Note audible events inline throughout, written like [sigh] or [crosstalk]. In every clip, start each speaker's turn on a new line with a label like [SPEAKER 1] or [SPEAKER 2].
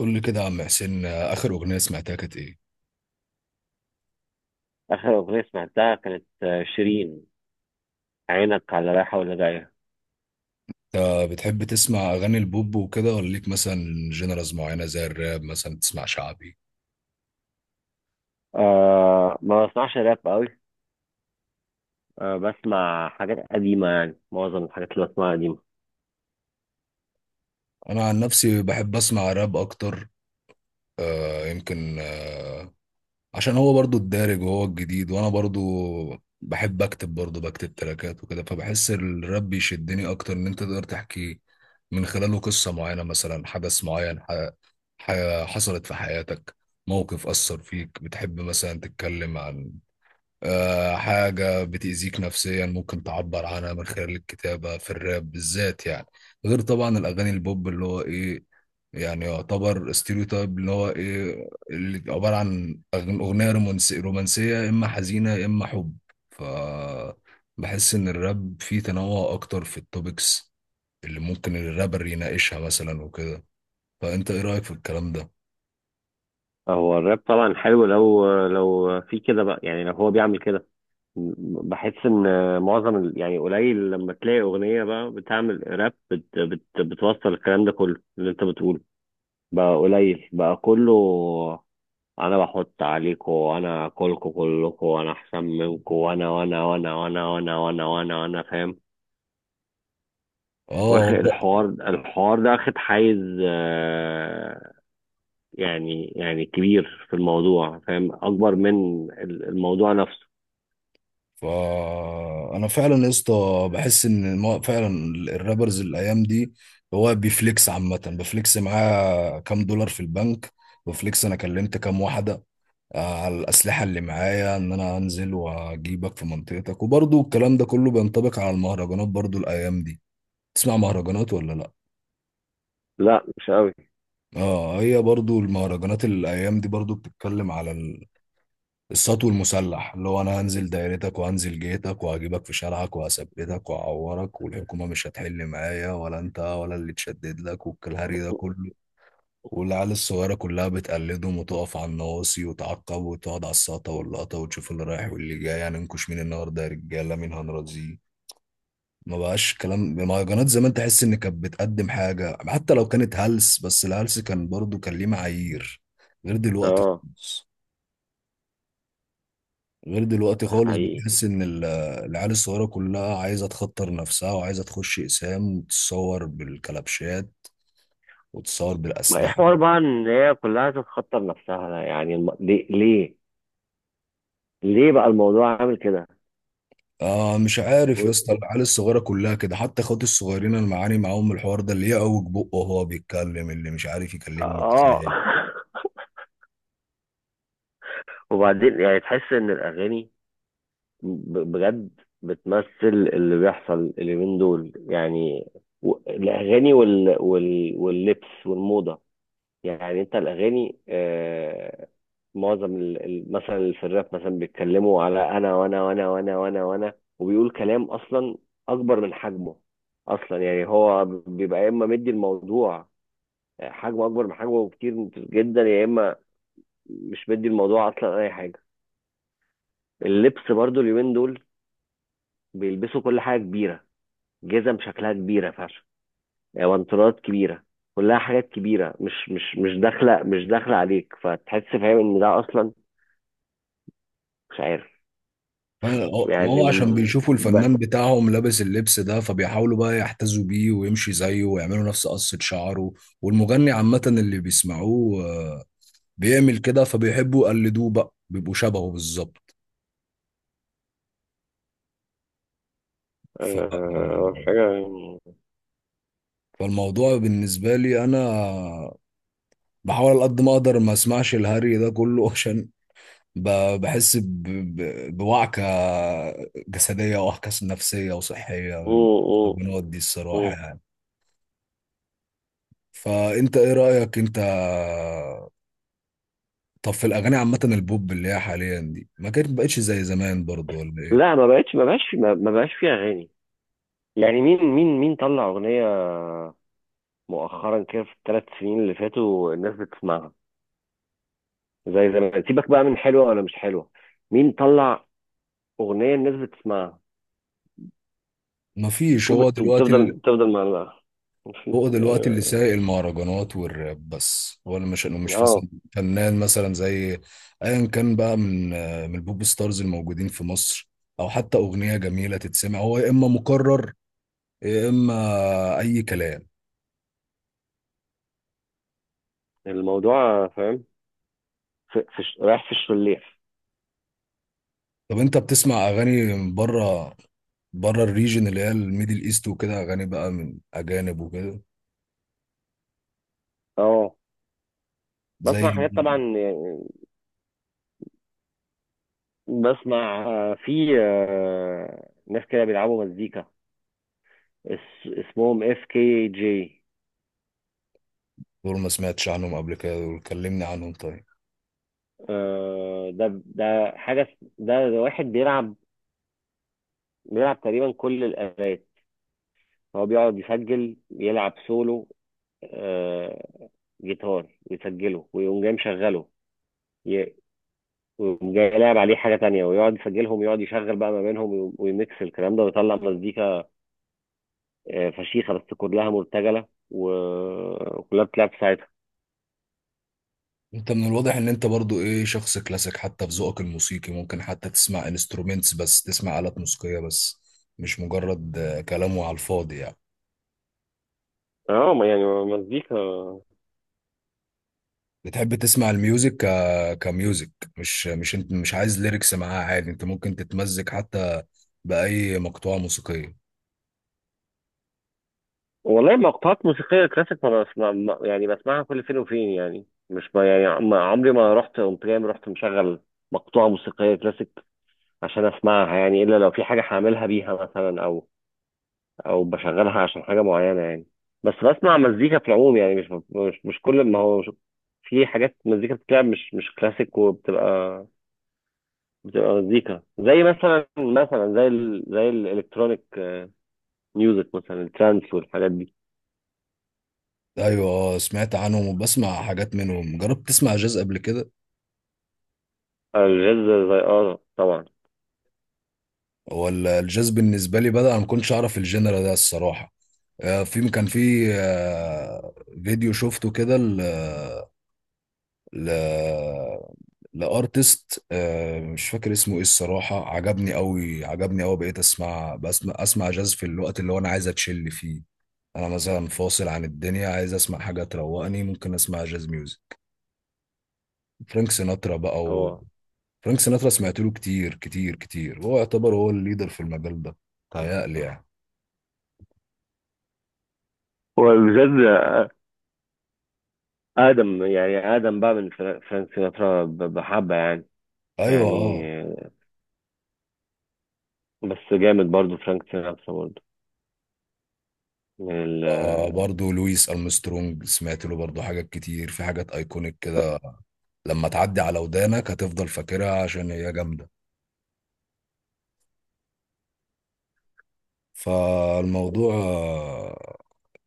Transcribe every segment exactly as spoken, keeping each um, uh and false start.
[SPEAKER 1] قول لي كده يا عم حسين آه، آخر أغنية سمعتها كانت إيه؟
[SPEAKER 2] آخر أغنية سمعتها كانت آه، شيرين، عينك على رايحة ولا جاية.
[SPEAKER 1] أنت بتحب تسمع أغاني البوب وكده ولا ليك مثلا جنرالز معينة زي الراب مثلا تسمع شعبي؟
[SPEAKER 2] أه، ما بسمعش راب قوي. أه بسمع حاجات قديمة، يعني معظم الحاجات اللي بسمعها قديمة.
[SPEAKER 1] أنا عن نفسي بحب أسمع راب أكتر. آه يمكن آه عشان هو برضو الدارج وهو الجديد، وأنا برضو بحب أكتب، برضو بكتب تراكات وكده، فبحس الراب بيشدني أكتر، إن أنت تقدر تحكي من خلاله قصة معينة، مثلا حدث معين ح... ح... حصلت في حياتك، موقف أثر فيك، بتحب مثلا تتكلم عن آه، حاجة بتأذيك نفسيا، ممكن تعبر عنها من خلال الكتابة في الراب بالذات يعني. غير طبعا الأغاني البوب، اللي هو إيه يعني، يعتبر ستيريوتايب، اللي هو إيه، اللي عبارة عن أغن- أغنية رومانسية رومانسية، يا إما حزينة يا إما حب. ف بحس إن الراب فيه تنوع أكتر في التوبكس، اللي ممكن الرابر يناقشها مثلا وكده. فأنت إيه رأيك في الكلام ده؟
[SPEAKER 2] هو الراب طبعا حلو لو لو في كده بقى، يعني لو هو بيعمل كده. بحس ان معظم ال- يعني قليل لما تلاقي اغنيه بقى بتعمل راب بت بت بتوصل الكلام ده كله اللي انت بتقوله، بقى قليل بقى. كله انا بحط عليكم وانا اكلكم كلكم وانا احسن منكم وانا وانا وانا وانا وانا وانا وانا وانا فاهم. واخد
[SPEAKER 1] آه.
[SPEAKER 2] الحوار الحوار ده اخد حيز، آه، يعني يعني كبير في الموضوع، فاهم اكبر من ال- الموضوع نفسه.
[SPEAKER 1] فانا فعلا يا اسطى بحس ان ما- فعلا الرابرز الايام دي هو بيفليكس، عامه بفليكس معاه كام دولار في البنك، بفليكس انا كلمت كام واحده، آه، على الاسلحه اللي معايا، ان انا انزل واجيبك في منطقتك. وبرضو الكلام ده كله بينطبق على المهرجانات برضو الايام دي. تسمع مهرجانات ولا لا؟
[SPEAKER 2] لا، مش قوي.
[SPEAKER 1] اه، هي برضو المهرجانات الايام دي برضو بتتكلم على السطو المسلح، اللي هو انا هنزل دايرتك وهنزل جيتك وهجيبك في شارعك وهثبتك وهعورك، والحكومه مش هتحل معايا ولا انت ولا اللي تشدد لك، والكلهري ده كله. والعيال الصغيره كلها بتقلدهم، وتقف على النواصي وتعقب وتقعد على الساطه واللقطه وتشوف اللي رايح واللي جاي، هننكش مين النهارده يا رجاله، مين هنرازيه. ما بقاش كلام مهرجانات زمان، تحس ان كانت بتقدم حاجه، حتى لو كانت هلس، بس الهلس كان برضو كان ليه معايير، غير دلوقتي
[SPEAKER 2] اه،
[SPEAKER 1] خالص. غير دلوقتي
[SPEAKER 2] ده
[SPEAKER 1] خالص،
[SPEAKER 2] حقيقي.
[SPEAKER 1] بتحس ان ال- العيال الصغيره كلها عايزه تخطر نفسها، وعايزه تخش اقسام وتتصور بالكلبشات وتتصور
[SPEAKER 2] ما ايه
[SPEAKER 1] بالاسلحه.
[SPEAKER 2] حوار بقى ان هي كلها تتخطر نفسها؟ لا، يعني الم... ليه ليه ليه بقى الموضوع عامل كده؟
[SPEAKER 1] آه، مش
[SPEAKER 2] و...
[SPEAKER 1] عارف يا اسطى،
[SPEAKER 2] و-
[SPEAKER 1] العيال الصغيره كلها كده، حتى اخواتي الصغيرين انا معاني معاهم من الحوار ده، اللي يعوج بقه وهو بيتكلم، اللي مش عارف يكلمني
[SPEAKER 2] اه
[SPEAKER 1] ازاي.
[SPEAKER 2] [laughs] وبعدين يعني تحس ان الاغاني ب- بجد بتمثل اللي بيحصل اليومين دول. يعني و- الأغاني وال... وال... واللبس والموضة. يعني أنت الأغاني آه، معظم ال... ال- مثلا اللي في الراب مثلا بيتكلموا على أنا وأنا وأنا وأنا وأنا وأنا وبيقول كلام أصلا أكبر من حجمه. أصلا يعني هو بيبقى يا إما مدي الموضوع، آه، حجمه أكبر من حجمه بكتير جدا، يا إما مش مدي الموضوع أصلا أي حاجة. اللبس برضو اليومين دول بيلبسوا كل حاجة كبيرة، جزم شكلها كبيرة فشخ، وانترات كبيرة، كلها حاجات كبيرة، مش مش مش داخلة، مش داخلة عليك، فتحس فاهم ان ده اصلا مش عارف.
[SPEAKER 1] آه، هو
[SPEAKER 2] يعني
[SPEAKER 1] هو عشان
[SPEAKER 2] م-
[SPEAKER 1] بيشوفوا الفنان
[SPEAKER 2] بس
[SPEAKER 1] بتاعهم لابس اللبس ده، فبيحاولوا بقى يحتذوا بيه ويمشي زيه ويعملوا نفس قصة شعره. والمغني عامة اللي بيسمعوه آه، بيعمل كده، فبيحبوا يقلدوه بقى، بيبقوا شبهه بالظبط. ف...
[SPEAKER 2] آه، حاجة يعني.
[SPEAKER 1] فالموضوع بالنسبة لي أنا بحاول على قد ما أقدر ما أسمعش الهري ده كله [laughs] عشان ب... بحس ب... ب... بوعكة جسدية ووعكة نفسية وصحية
[SPEAKER 2] مم،
[SPEAKER 1] من
[SPEAKER 2] مم،
[SPEAKER 1] القنوات دي الصراحة
[SPEAKER 2] مم.
[SPEAKER 1] يعني. فأنت إيه رأيك أنت؟ طب في الأغاني عامة البوب، اللي هي حاليا دي ما كانت بقتش زي زمان برضه ولا
[SPEAKER 2] لا،
[SPEAKER 1] إيه؟
[SPEAKER 2] ما بقتش، ما بقاش ما ما بقاش فيها اغاني، يعني مين مين مين طلع اغنية مؤخرا كده في الثلاث سنين اللي فاتوا الناس بتسمعها زي زمان؟ سيبك بقى من حلوة ولا مش حلوة، مين طلع اغنية الناس بتسمعها؟
[SPEAKER 1] مفيش. هو
[SPEAKER 2] وبت-
[SPEAKER 1] دلوقتي،
[SPEAKER 2] وبتفضل بتفضل معلقة وفي
[SPEAKER 1] هو دلوقتي اللي سايق المهرجانات والراب بس، هو اللي مش انه مش
[SPEAKER 2] يعني
[SPEAKER 1] فاس-
[SPEAKER 2] اه.
[SPEAKER 1] فنان مثلا، زي ايا كان بقى، من من البوب ستارز الموجودين في مصر، او حتى اغنيه جميله تتسمع، هو يا اما مكرر يا اما اي كلام.
[SPEAKER 2] الموضوع فاهم في... في... ش- رايح في الشليح.
[SPEAKER 1] طب انت بتسمع اغاني من بره، بره الريجن اللي هي الميدل ايست، وكده اغاني بقى من اجانب وكده؟
[SPEAKER 2] اه،
[SPEAKER 1] زي
[SPEAKER 2] بسمع حاجات طبعا
[SPEAKER 1] مين؟
[SPEAKER 2] يعني. بسمع آه، في آه، ناس كده بيلعبوا مزيكا، اس... اسمهم اف كي جي.
[SPEAKER 1] دول ما سمعتش عنهم قبل كده، دول كلمني عنهم طيب.
[SPEAKER 2] آه، ده ده حاجة، اس- ده, ده واحد بيلعب، بيلعب تقريبا كل الآلات. هو بيقعد يسجل يلعب سولو، آه، جيتار، يسجله ويقوم جاي مشغله وجاي لاعب عليه حاجة تانية، ويقعد يسجلهم ويقعد يشغل بقى ما بينهم وي- ويميكس الكلام ده ويطلع مزيكا. آه، فشيخة، بس كلها مرتجلة و- وكلها بتلعب في ساعتها.
[SPEAKER 1] انت من الواضح ان انت برضو ايه، شخص كلاسيك حتى في ذوقك الموسيقي، ممكن حتى تسمع انسترومنتس بس، تسمع آلات موسيقية بس، مش مجرد آه، كلام وعلى الفاضي يعني.
[SPEAKER 2] اه ما- يعني مزيكا.
[SPEAKER 1] بتحب تسمع الميوزك ك... كميوزك، مش مش انت مش عايز ليركس معاها، عادي انت ممكن تتمزج حتى بأي مقطوعة موسيقية.
[SPEAKER 2] والله مقطوعات موسيقية كلاسيك ما بسمع، ما- يعني بسمعها كل فين وفين، يعني مش ما يعني عم- عمري ما رحت قمت جاي رحت مشغل مقطوعة موسيقية كلاسيك عشان اسمعها، يعني الا لو في حاجة هعملها بيها مثلا، او او بشغلها عشان حاجه معينه يعني. بس بسمع مزيكا في العموم يعني، مش مش, مش كل ما هو مش. في حاجات مزيكا بتتلعب مش مش كلاسيك، وبتبقى بتبقى مزيكا زي مثلا مثلا زي ال زي الالكترونيك ميوزك، مثلا الترانس والحاجات دي.
[SPEAKER 1] ايوه اه، سمعت عنهم وبسمع حاجات منهم. جربت تسمع جاز قبل كده؟
[SPEAKER 2] الجاز؟ زي اه، طبعا.
[SPEAKER 1] ولا الجاز بالنسبة لي بدأ انا ما كنتش اعرف الجنرال ده الصراحة. آه، في كان في آه، فيديو شفته كده ل... لارتست، آه، مش فاكر اسمه ايه الصراحه، عجبني قوي عجبني قوي، بقيت اسمع بسمع اسمع جاز في الوقت اللي هو انا عايز اتشل فيه. انا مثلا فاصل عن الدنيا عايز اسمع حاجه تروقني، ممكن اسمع جاز ميوزك. فرانك سيناترا بقى و...
[SPEAKER 2] هو
[SPEAKER 1] فرانك سيناترا سمعت له كتير كتير كتير، هو يعتبر هو الليدر في المجال ده تهيألي يعني.
[SPEAKER 2] هو الجاز ادم، يعني ادم بقى. من فرا- فرانك سيناترا، ب- بحبه يعني،
[SPEAKER 1] ايوه اه.
[SPEAKER 2] يعني. بس جامد برضو فرانك سيناترا برضو، من ال-
[SPEAKER 1] آه، برضه لويس أرمسترونج سمعت له برضه حاجات كتير، في حاجات ايكونيك كده لما تعدي على ودانك هتفضل فاكرها عشان هي جامدة. فالموضوع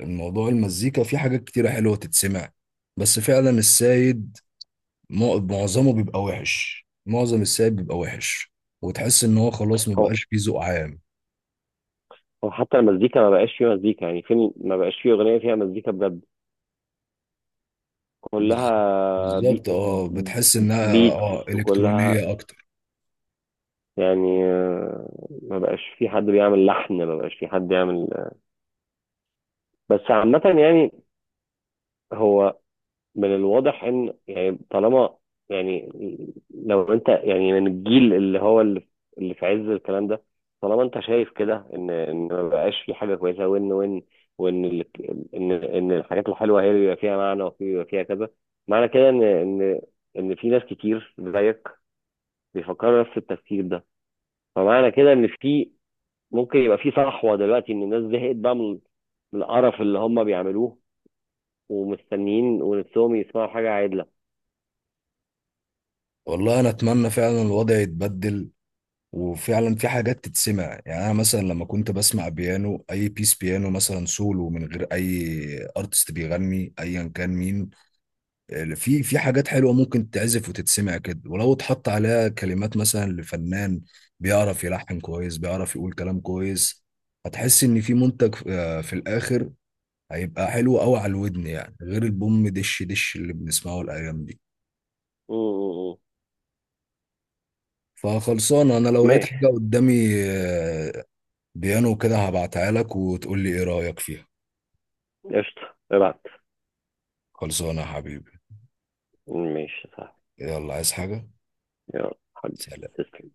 [SPEAKER 1] الموضوع المزيكا فيه حاجات كتيرة حلوة تتسمع، بس فعلا السايد مع- معظمه بيبقى وحش، معظم السايد بيبقى وحش، وتحس ان هو خلاص
[SPEAKER 2] هو
[SPEAKER 1] مبقاش فيه ذوق عام.
[SPEAKER 2] هو حتى المزيكا ما بقاش فيه مزيكا يعني فين، ما بقاش فيه أغنية فيها مزيكا بجد،
[SPEAKER 1] بز-
[SPEAKER 2] كلها بي
[SPEAKER 1] بالظبط، اه بتحس انها
[SPEAKER 2] بيتس،
[SPEAKER 1] اه
[SPEAKER 2] وكلها
[SPEAKER 1] الكترونية اكتر.
[SPEAKER 2] يعني آه، ما بقاش في حد بيعمل لحن، ما بقاش في حد يعمل. بس عامة يعني هو من الواضح ان يعني طالما، يعني لو انت يعني من الجيل اللي هو اللي اللي في عز الكلام ده، طالما انت شايف كده ان ان ما بقاش في حاجه كويسه، وان وان وان ال- ان ان الحاجات الحلوه هي اللي بيبقى فيها معنى وفي بيبقى فيها كذا معنى، كده ان ان ان في ناس كتير زيك بيفكروا نفس التفكير ده، فمعنى كده ان في ممكن يبقى في صحوه دلوقتي، ان الناس زهقت بقى من من القرف اللي هم بيعملوه، ومستنيين ونفسهم يسمعوا حاجه عادله.
[SPEAKER 1] والله انا اتمنى فعلا الوضع يتبدل، وفعلا في حاجات تتسمع، يعني انا مثلا لما كنت بسمع بيانو، اي بيس بيانو مثلا سولو من غير اي ارتست بيغني ايا كان مين، آه، في في حاجات حلوه ممكن تتعزف وتتسمع كده، ولو اتحط عليها كلمات مثلا لفنان بيعرف يلحن كويس بيعرف يقول كلام كويس، هتحس ان في منتج آه، في الاخر هيبقى حلو قوي على الودن يعني، غير البوم دش دش اللي بنسمعه الايام دي.
[SPEAKER 2] م- م- م.
[SPEAKER 1] فخلصان انا، لو لقيت
[SPEAKER 2] ماشي.
[SPEAKER 1] حاجه قدامي آه، بيانو كده، هبعتها لك وتقول لي ايه رايك فيها.
[SPEAKER 2] قشطة، ابعت.
[SPEAKER 1] خلصانه يا حبيبي.
[SPEAKER 2] ماشي، صح.
[SPEAKER 1] يلا عايز حاجه؟
[SPEAKER 2] يلا حبيبي،
[SPEAKER 1] سلام.
[SPEAKER 2] تسلم.